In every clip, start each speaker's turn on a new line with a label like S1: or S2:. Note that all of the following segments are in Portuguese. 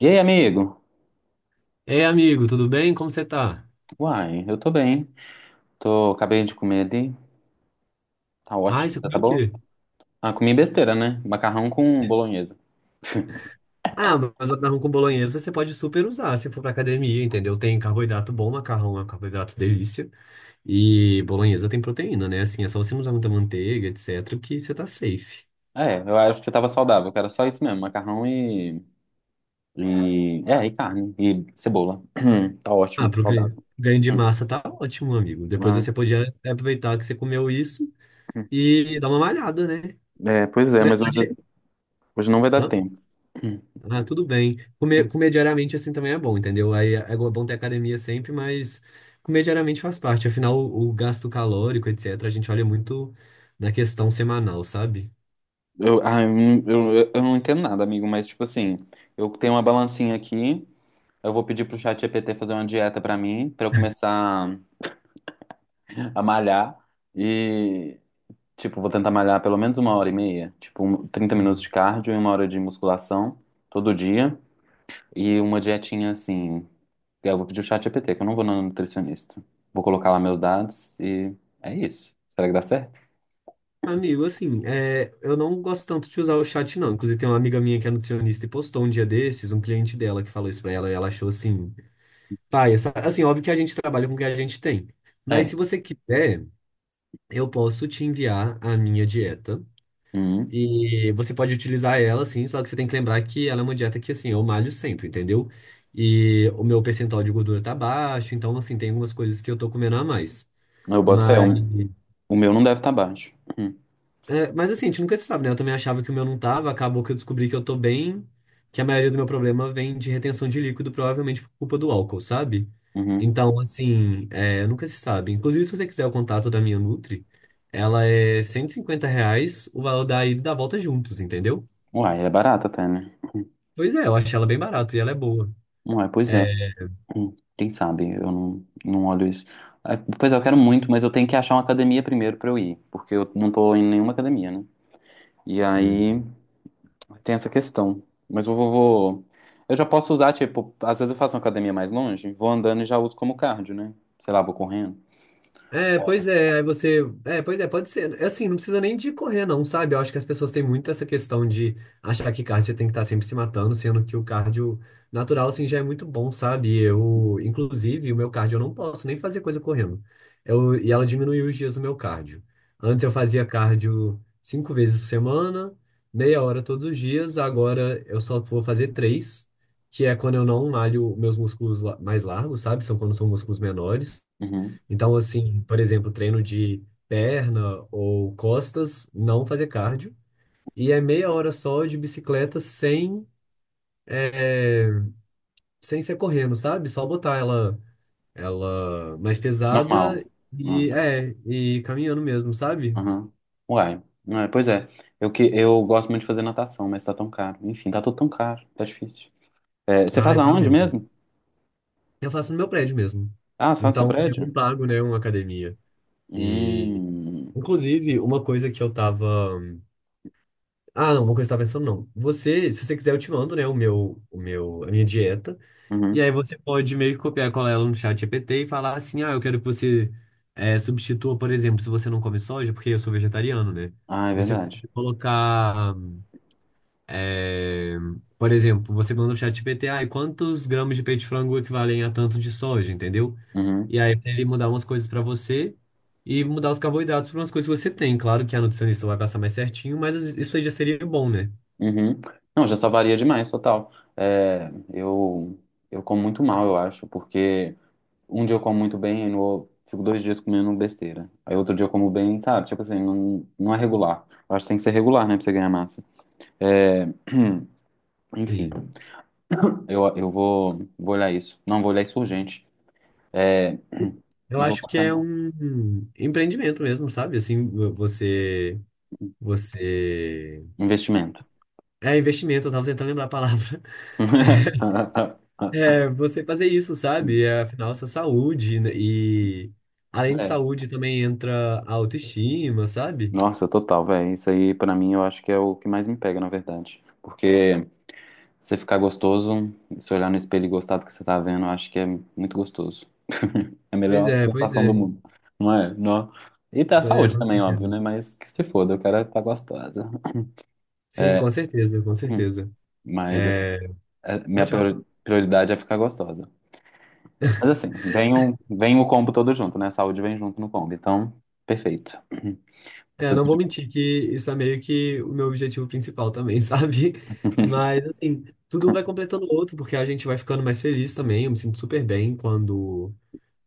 S1: E aí, amigo?
S2: Ei, amigo, tudo bem? Como você tá?
S1: Uai, eu tô bem. Tô, acabei de comer ali. Tá
S2: Ah,
S1: ótimo.
S2: você
S1: Tá, tá
S2: comeu o
S1: bom?
S2: quê?
S1: Ah, comi besteira, né? Macarrão com bolonhesa.
S2: Ah, mas macarrão com bolonhesa você pode super usar se for pra academia, entendeu? Tem carboidrato bom, macarrão é um carboidrato delícia. E bolonhesa tem proteína, né? Assim, é só você não usar muita manteiga, etc, que você tá safe.
S1: É, eu acho que tava saudável, que era só isso mesmo. Macarrão e carne. E cebola. Tá
S2: Ah,
S1: ótimo,
S2: pro ganho
S1: saudável.
S2: ganho de massa tá ótimo, amigo. Depois
S1: Ai,
S2: você podia aproveitar que você comeu isso e dar uma malhada, né?
S1: é, pois é,
S2: Na
S1: mas hoje,
S2: verdade,
S1: hoje não vai dar
S2: hã?
S1: tempo.
S2: Ah, tudo bem. Comer diariamente assim também é bom, entendeu? Aí é bom ter academia sempre, mas comer diariamente faz parte. Afinal, o gasto calórico, etc., a gente olha muito na questão semanal, sabe?
S1: Eu, ah, eu não entendo nada, amigo, mas tipo assim, eu tenho uma balancinha aqui, eu vou pedir pro ChatGPT fazer uma dieta pra mim, pra eu começar a malhar e, tipo, vou tentar malhar pelo menos uma hora e meia, tipo, 30
S2: Sim.
S1: minutos de cardio e uma hora de musculação todo dia e uma dietinha assim. Eu vou pedir o chat GPT, que eu não vou no nutricionista. Vou colocar lá meus dados e é isso. Será que dá certo?
S2: Amigo, assim, é, eu não gosto tanto de usar o chat, não. Inclusive, tem uma amiga minha que é nutricionista e postou um dia desses, um cliente dela que falou isso pra ela, e ela achou assim, pai, essa, assim, óbvio que a gente trabalha com o que a gente tem. Mas
S1: É.
S2: se você quiser, eu posso te enviar a minha dieta.
S1: Uhum.
S2: E você pode utilizar ela, sim, só que você tem que lembrar que ela é uma dieta que, assim, eu malho sempre, entendeu? E o meu percentual de gordura tá baixo, então, assim, tem algumas coisas que eu tô comendo a mais.
S1: Eu boto fé.
S2: Mas,
S1: O meu não deve estar baixo. Uhum.
S2: é, mas assim, a gente nunca se sabe, né? Eu também achava que o meu não tava, acabou que eu descobri que eu tô bem, que a maioria do meu problema vem de retenção de líquido, provavelmente por culpa do álcool, sabe?
S1: Uhum.
S2: Então, assim, é, nunca se sabe. Inclusive, se você quiser o contato da minha Nutri, ela é 150 reais o valor da ida e da volta juntos, entendeu?
S1: Uai, é barato até, né?
S2: Pois é, eu achei ela bem barata e ela é boa.
S1: Uai, pois é.
S2: É,
S1: Quem sabe? Eu não olho isso. Ah, pois é, eu quero muito, mas eu tenho que achar uma academia primeiro pra eu ir, porque eu não tô em nenhuma academia, né? E aí
S2: uhum.
S1: tem essa questão. Mas eu vou. Eu já posso usar, tipo, às vezes eu faço uma academia mais longe, vou andando e já uso como cardio, né? Sei lá, vou correndo.
S2: É, pois é, aí você. É, pois é, pode ser. É assim, não precisa nem de correr, não, sabe? Eu acho que as pessoas têm muito essa questão de achar que cardio você tem que estar sempre se matando, sendo que o cardio natural, assim, já é muito bom, sabe? Eu, inclusive, o meu cardio eu não posso nem fazer coisa correndo. Eu, e ela diminuiu os dias do meu cardio. Antes eu fazia cardio cinco vezes por semana, meia hora todos os dias, agora eu só vou fazer três, que é quando eu não malho meus mais largos, sabe? São quando são músculos menores.
S1: Uhum.
S2: Então, assim, por exemplo, treino de perna ou costas, não fazer cardio. E é meia hora só de bicicleta sem, é, sem ser correndo, sabe? Só botar ela, ela mais
S1: Normal.
S2: pesada
S1: Ah,
S2: e,
S1: tá.
S2: é, e caminhando mesmo, sabe?
S1: Uhum. Uai. Ah, pois é. Eu gosto muito de fazer natação, mas tá tão caro. Enfim, tá tudo tão caro, tá difícil. É, você faz
S2: Ai, tá
S1: aonde
S2: mesmo.
S1: mesmo?
S2: Eu faço no meu prédio mesmo.
S1: Ah, você faz no seu
S2: Então, assim, eu não
S1: prédio?
S2: pago, né, uma academia. E,
S1: Hum.
S2: inclusive, uma coisa que eu tava. Ah, não, uma coisa que eu tava pensando, não. Você, se você quiser, eu te mando, né, a minha dieta. E
S1: Uhum.
S2: aí você pode meio que copiar e colar ela no chat GPT e falar assim, ah, eu quero que você substitua, por exemplo, se você não come soja, porque eu sou vegetariano, né?
S1: Ah, é
S2: Você
S1: verdade.
S2: pode colocar, eh, por exemplo, você manda no chat GPT, ah, e quantos gramas de peito de frango equivalem a tanto de soja, entendeu?
S1: Uhum.
S2: E aí ele mudar umas coisas pra você e mudar os carboidratos para umas coisas que você tem. Claro que a nutricionista vai passar mais certinho, mas isso aí já seria bom, né?
S1: Uhum. Não, já salvaria demais, total. É, eu como muito mal, eu acho, porque um dia eu como muito bem, aí no, fico dois dias comendo besteira. Aí outro dia eu como bem, sabe? Tipo assim, não, não é regular. Eu acho que tem que ser regular, né, pra você ganhar massa. É, enfim,
S2: Sim.
S1: eu vou olhar isso. Não, vou olhar isso urgente. É,
S2: Eu
S1: e
S2: acho
S1: voltar
S2: que
S1: pra
S2: é um empreendimento mesmo, sabe? Assim, você Você.
S1: investimento.
S2: É investimento, eu tava tentando lembrar a palavra. É, você fazer isso, sabe? É, afinal, sua saúde. Né? E além de
S1: É.
S2: saúde, também entra a autoestima, sabe?
S1: Nossa, total, velho. Isso aí, pra mim, eu acho que é o que mais me pega, na verdade. Porque você ficar gostoso, se olhar no espelho e gostar do que você tá vendo, eu acho que é muito gostoso. É a
S2: Pois
S1: melhor
S2: é, pois
S1: sensação do
S2: é.
S1: mundo. Não é? Não. E tá a
S2: Pois é,
S1: saúde
S2: com
S1: também, óbvio,
S2: certeza.
S1: né? Mas que se foda, eu quero é tá gostosa.
S2: Sim,
S1: É,
S2: com certeza, com
S1: hum,
S2: certeza.
S1: mas
S2: É,
S1: minha
S2: pode falar.
S1: prioridade é ficar gostosa. Mas assim, vem o combo todo junto, né? Saúde vem junto no combo. Então, perfeito.
S2: É,
S1: Tudo
S2: não vou
S1: de bom.
S2: mentir que isso é meio que o meu objetivo principal também, sabe? Mas, assim, tudo um vai completando o outro, porque a gente vai ficando mais feliz também. Eu me sinto super bem quando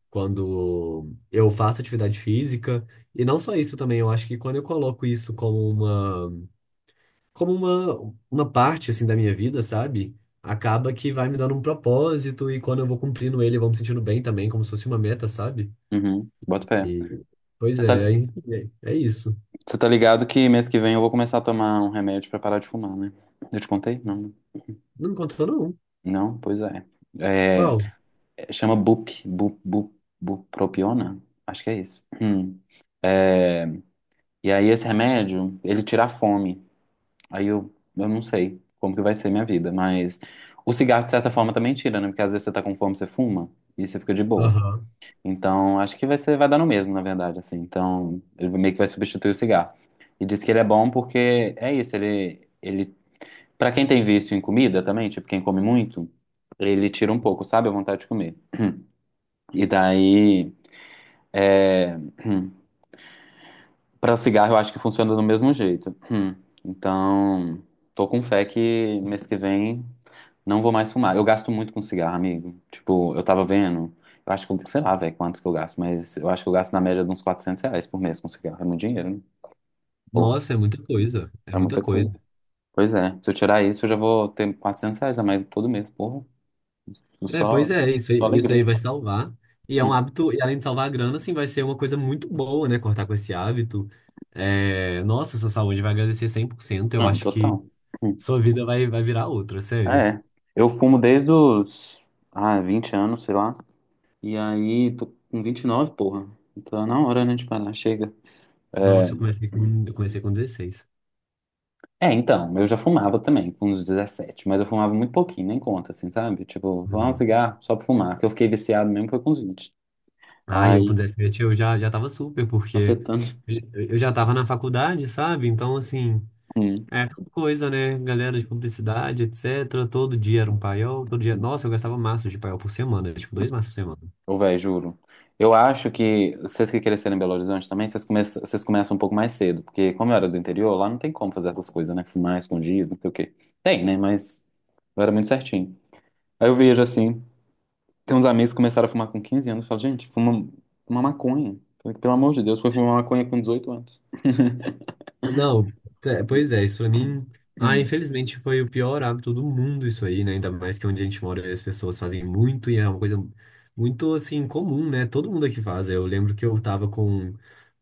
S2: quando eu faço atividade física. E não só isso também, eu acho que quando eu coloco isso como uma parte assim da minha vida, sabe? Acaba que vai me dando um propósito e quando eu vou cumprindo ele, eu vou me sentindo bem também, como se fosse uma meta, sabe?
S1: Uhum, bota fé.
S2: E, pois
S1: Você
S2: é,
S1: tá.
S2: aí- é, é isso.
S1: Você tá ligado que mês que vem eu vou começar a tomar um remédio pra parar de fumar, né? Eu te contei? Não, né?
S2: Não me contou não.
S1: Não? Pois é. É,
S2: Qual?
S1: chama Bupropiona? Acho que é isso. Hum. É, e aí esse remédio, ele tira a fome. Aí eu não sei como que vai ser minha vida, mas o cigarro, de certa forma, também tira, né? Porque às vezes você tá com fome, você fuma e você fica de boa.
S2: Aham.
S1: Então, acho que vai dar no mesmo, na verdade, assim. Então, ele meio que vai substituir o cigarro. E diz que ele é bom porque é isso, ele pra quem tem vício em comida também, tipo quem come muito, ele tira um pouco, sabe? A vontade de comer. E daí, é... para o cigarro eu acho que funciona do mesmo jeito. Então, tô com fé que mês que vem não vou mais fumar. Eu gasto muito com cigarro, amigo. Tipo, eu tava vendo, eu acho que, sei lá, velho, quantos que eu gasto, mas eu acho que eu gasto na média de uns R$ 400 por mês com cigarro. É muito dinheiro, né? Porra,
S2: Nossa, é muita coisa. É
S1: é
S2: muita
S1: muita coisa.
S2: coisa.
S1: Pois é, se eu tirar isso, eu já vou ter R$ 400 a mais todo mês, porra.
S2: É,
S1: Só,
S2: pois
S1: só
S2: é, isso aí
S1: alegria.
S2: vai salvar. E é um
S1: Hum,
S2: hábito, e além de salvar a grana, assim, vai ser uma coisa muito boa, né? Cortar com esse hábito. É, nossa, sua saúde vai agradecer cem por cento. Eu
S1: Não,
S2: acho que
S1: total. Hum,
S2: sua vida vai virar outra,
S1: É.
S2: sério.
S1: É. Eu fumo desde os, 20 anos, sei lá. E aí, tô com 29, porra. Então, na hora, né, de parar, chega. É,
S2: Nossa, eu comecei com dezesseis.
S1: então, eu já fumava também, com uns 17. Mas eu fumava muito pouquinho, nem conta, assim, sabe? Tipo, fumava um
S2: Uhum.
S1: cigarro só pra fumar, que eu fiquei viciado mesmo foi com os 20.
S2: Ah, eu com
S1: Aí,
S2: 17 eu já tava super, porque
S1: macetando.
S2: eu eu já tava na faculdade, sabe? Então, assim,
S1: Hum.
S2: coisa, né? Galera de publicidade, etc. Todo dia era um paiol, todo dia.
S1: Hum.
S2: Nossa, eu gastava maços de paiol por semana, tipo, dois maços por semana.
S1: Ô, véi, juro. Eu acho que vocês que cresceram em Belo Horizonte também, vocês começam um pouco mais cedo, porque como eu era do interior, lá não tem como fazer essas coisas, né? Fumar escondido, não sei o quê. Tem, né? Mas eu era muito certinho. Aí eu vejo assim, tem uns amigos que começaram a fumar com 15 anos, eu falo, gente, fuma uma maconha. Falei, pelo amor de Deus, foi fumar maconha com 18 anos.
S2: Não, é, pois é, isso pra mim. Ah,
S1: Hum.
S2: infelizmente foi o pior hábito do mundo isso aí, né? Ainda mais que é onde a gente mora as pessoas fazem muito e é uma coisa muito assim comum, né? Todo mundo aqui faz. Eu lembro que eu tava com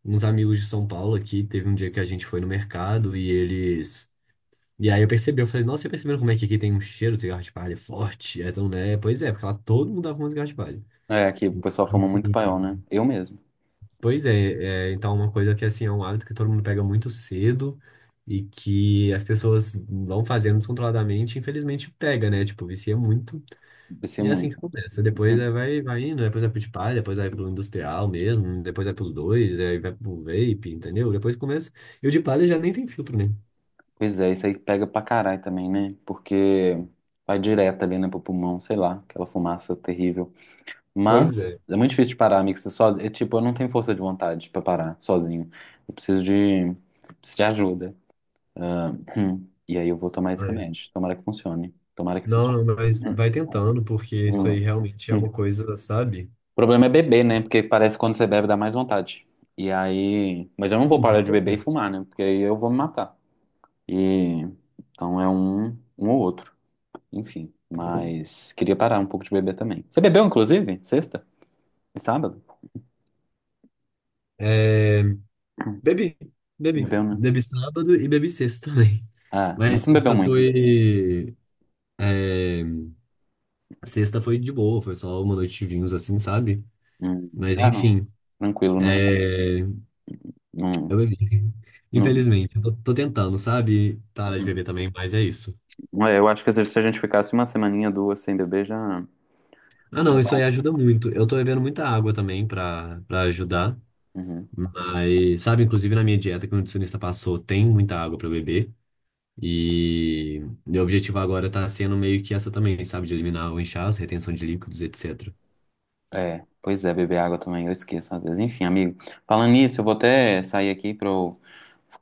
S2: uns amigos de São Paulo aqui, teve um dia que a gente foi no mercado e eles. E aí eu percebi, eu falei, nossa, você perceberam como é que aqui tem um cheiro de cigarro de palha forte? É, então, né? Pois é, porque lá todo mundo dava um cigarro de palha.
S1: É, aqui o pessoal fuma muito
S2: Assim.
S1: paiol, né? Eu mesmo,
S2: Pois é, é, então uma coisa que assim é um hábito que todo mundo pega muito cedo e que as pessoas vão fazendo descontroladamente, infelizmente pega, né? Tipo, vicia muito
S1: descia
S2: e é assim
S1: muito.
S2: que começa. Depois é,
S1: Hum.
S2: vai indo, depois vai pro de palha, depois vai pro industrial mesmo, depois vai pros dois, aí vai pro vape, entendeu? Depois começa. E o de palha já nem tem filtro, né?
S1: Pois é, isso aí pega pra caralho também, né? Porque vai direto ali, né, pro pulmão, sei lá, aquela fumaça terrível.
S2: Pois
S1: Mas
S2: é.
S1: é muito difícil de parar, amigo. Você só, é, tipo, eu não tenho força de vontade pra parar sozinho. Eu preciso de ajuda. Ah, e aí eu vou tomar esse
S2: Ai.
S1: remédio. Tomara que funcione. Tomara que
S2: Não,
S1: funcione.
S2: não, mas
S1: Hum.
S2: vai tentando, porque isso aí realmente é
S1: Hum.
S2: uma coisa, sabe?
S1: O problema é beber, né? Porque parece que quando você bebe dá mais vontade. E aí. Mas eu não vou
S2: Sim,
S1: parar
S2: com
S1: de beber e
S2: certeza.
S1: fumar, né? Porque aí eu vou me matar. E. Então é um ou outro. Enfim, mas queria parar um pouco de beber também. Você bebeu, inclusive? Sexta? E sábado?
S2: É,
S1: Hum,
S2: Bebi, bebi.
S1: Bebeu, né?
S2: Bebi sábado e bebi sexta também.
S1: Ah, mas
S2: Mas
S1: não bebeu
S2: sexta
S1: muito, né?
S2: foi. É, sexta foi de boa, foi só uma noite de vinhos assim, sabe?
S1: Hum.
S2: Mas
S1: Ah, não.
S2: enfim,
S1: Tranquilo, né?
S2: é,
S1: Não,
S2: eu bebi.
S1: não,
S2: Infelizmente, eu tô tentando, sabe? Parar de beber também, mas é isso.
S1: não é, eu acho que às vezes se a gente ficasse uma semaninha, duas sem beber, já,
S2: Ah,
S1: já
S2: não,
S1: dá
S2: isso aí
S1: um.
S2: ajuda muito. Eu tô bebendo muita água também pra ajudar.
S1: Uhum.
S2: Mas, sabe, inclusive na minha dieta que o nutricionista passou, tem muita água pra eu beber. E meu objetivo agora tá sendo meio que essa também, sabe? De eliminar o inchaço, retenção de líquidos, etc.
S1: É, pois é, beber água também, eu esqueço às vezes. Enfim, amigo, falando nisso, eu vou até sair aqui pra eu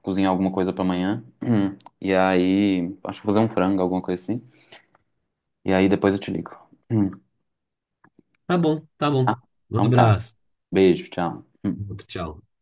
S1: cozinhar alguma coisa pra amanhã. Hum. E aí, acho que vou fazer um frango, alguma coisa assim. E aí depois eu te ligo. Hum.
S2: Tá bom, tá bom.
S1: Ah,
S2: Um
S1: então tá.
S2: abraço.
S1: Beijo, tchau. Hum.
S2: Outro, tchau.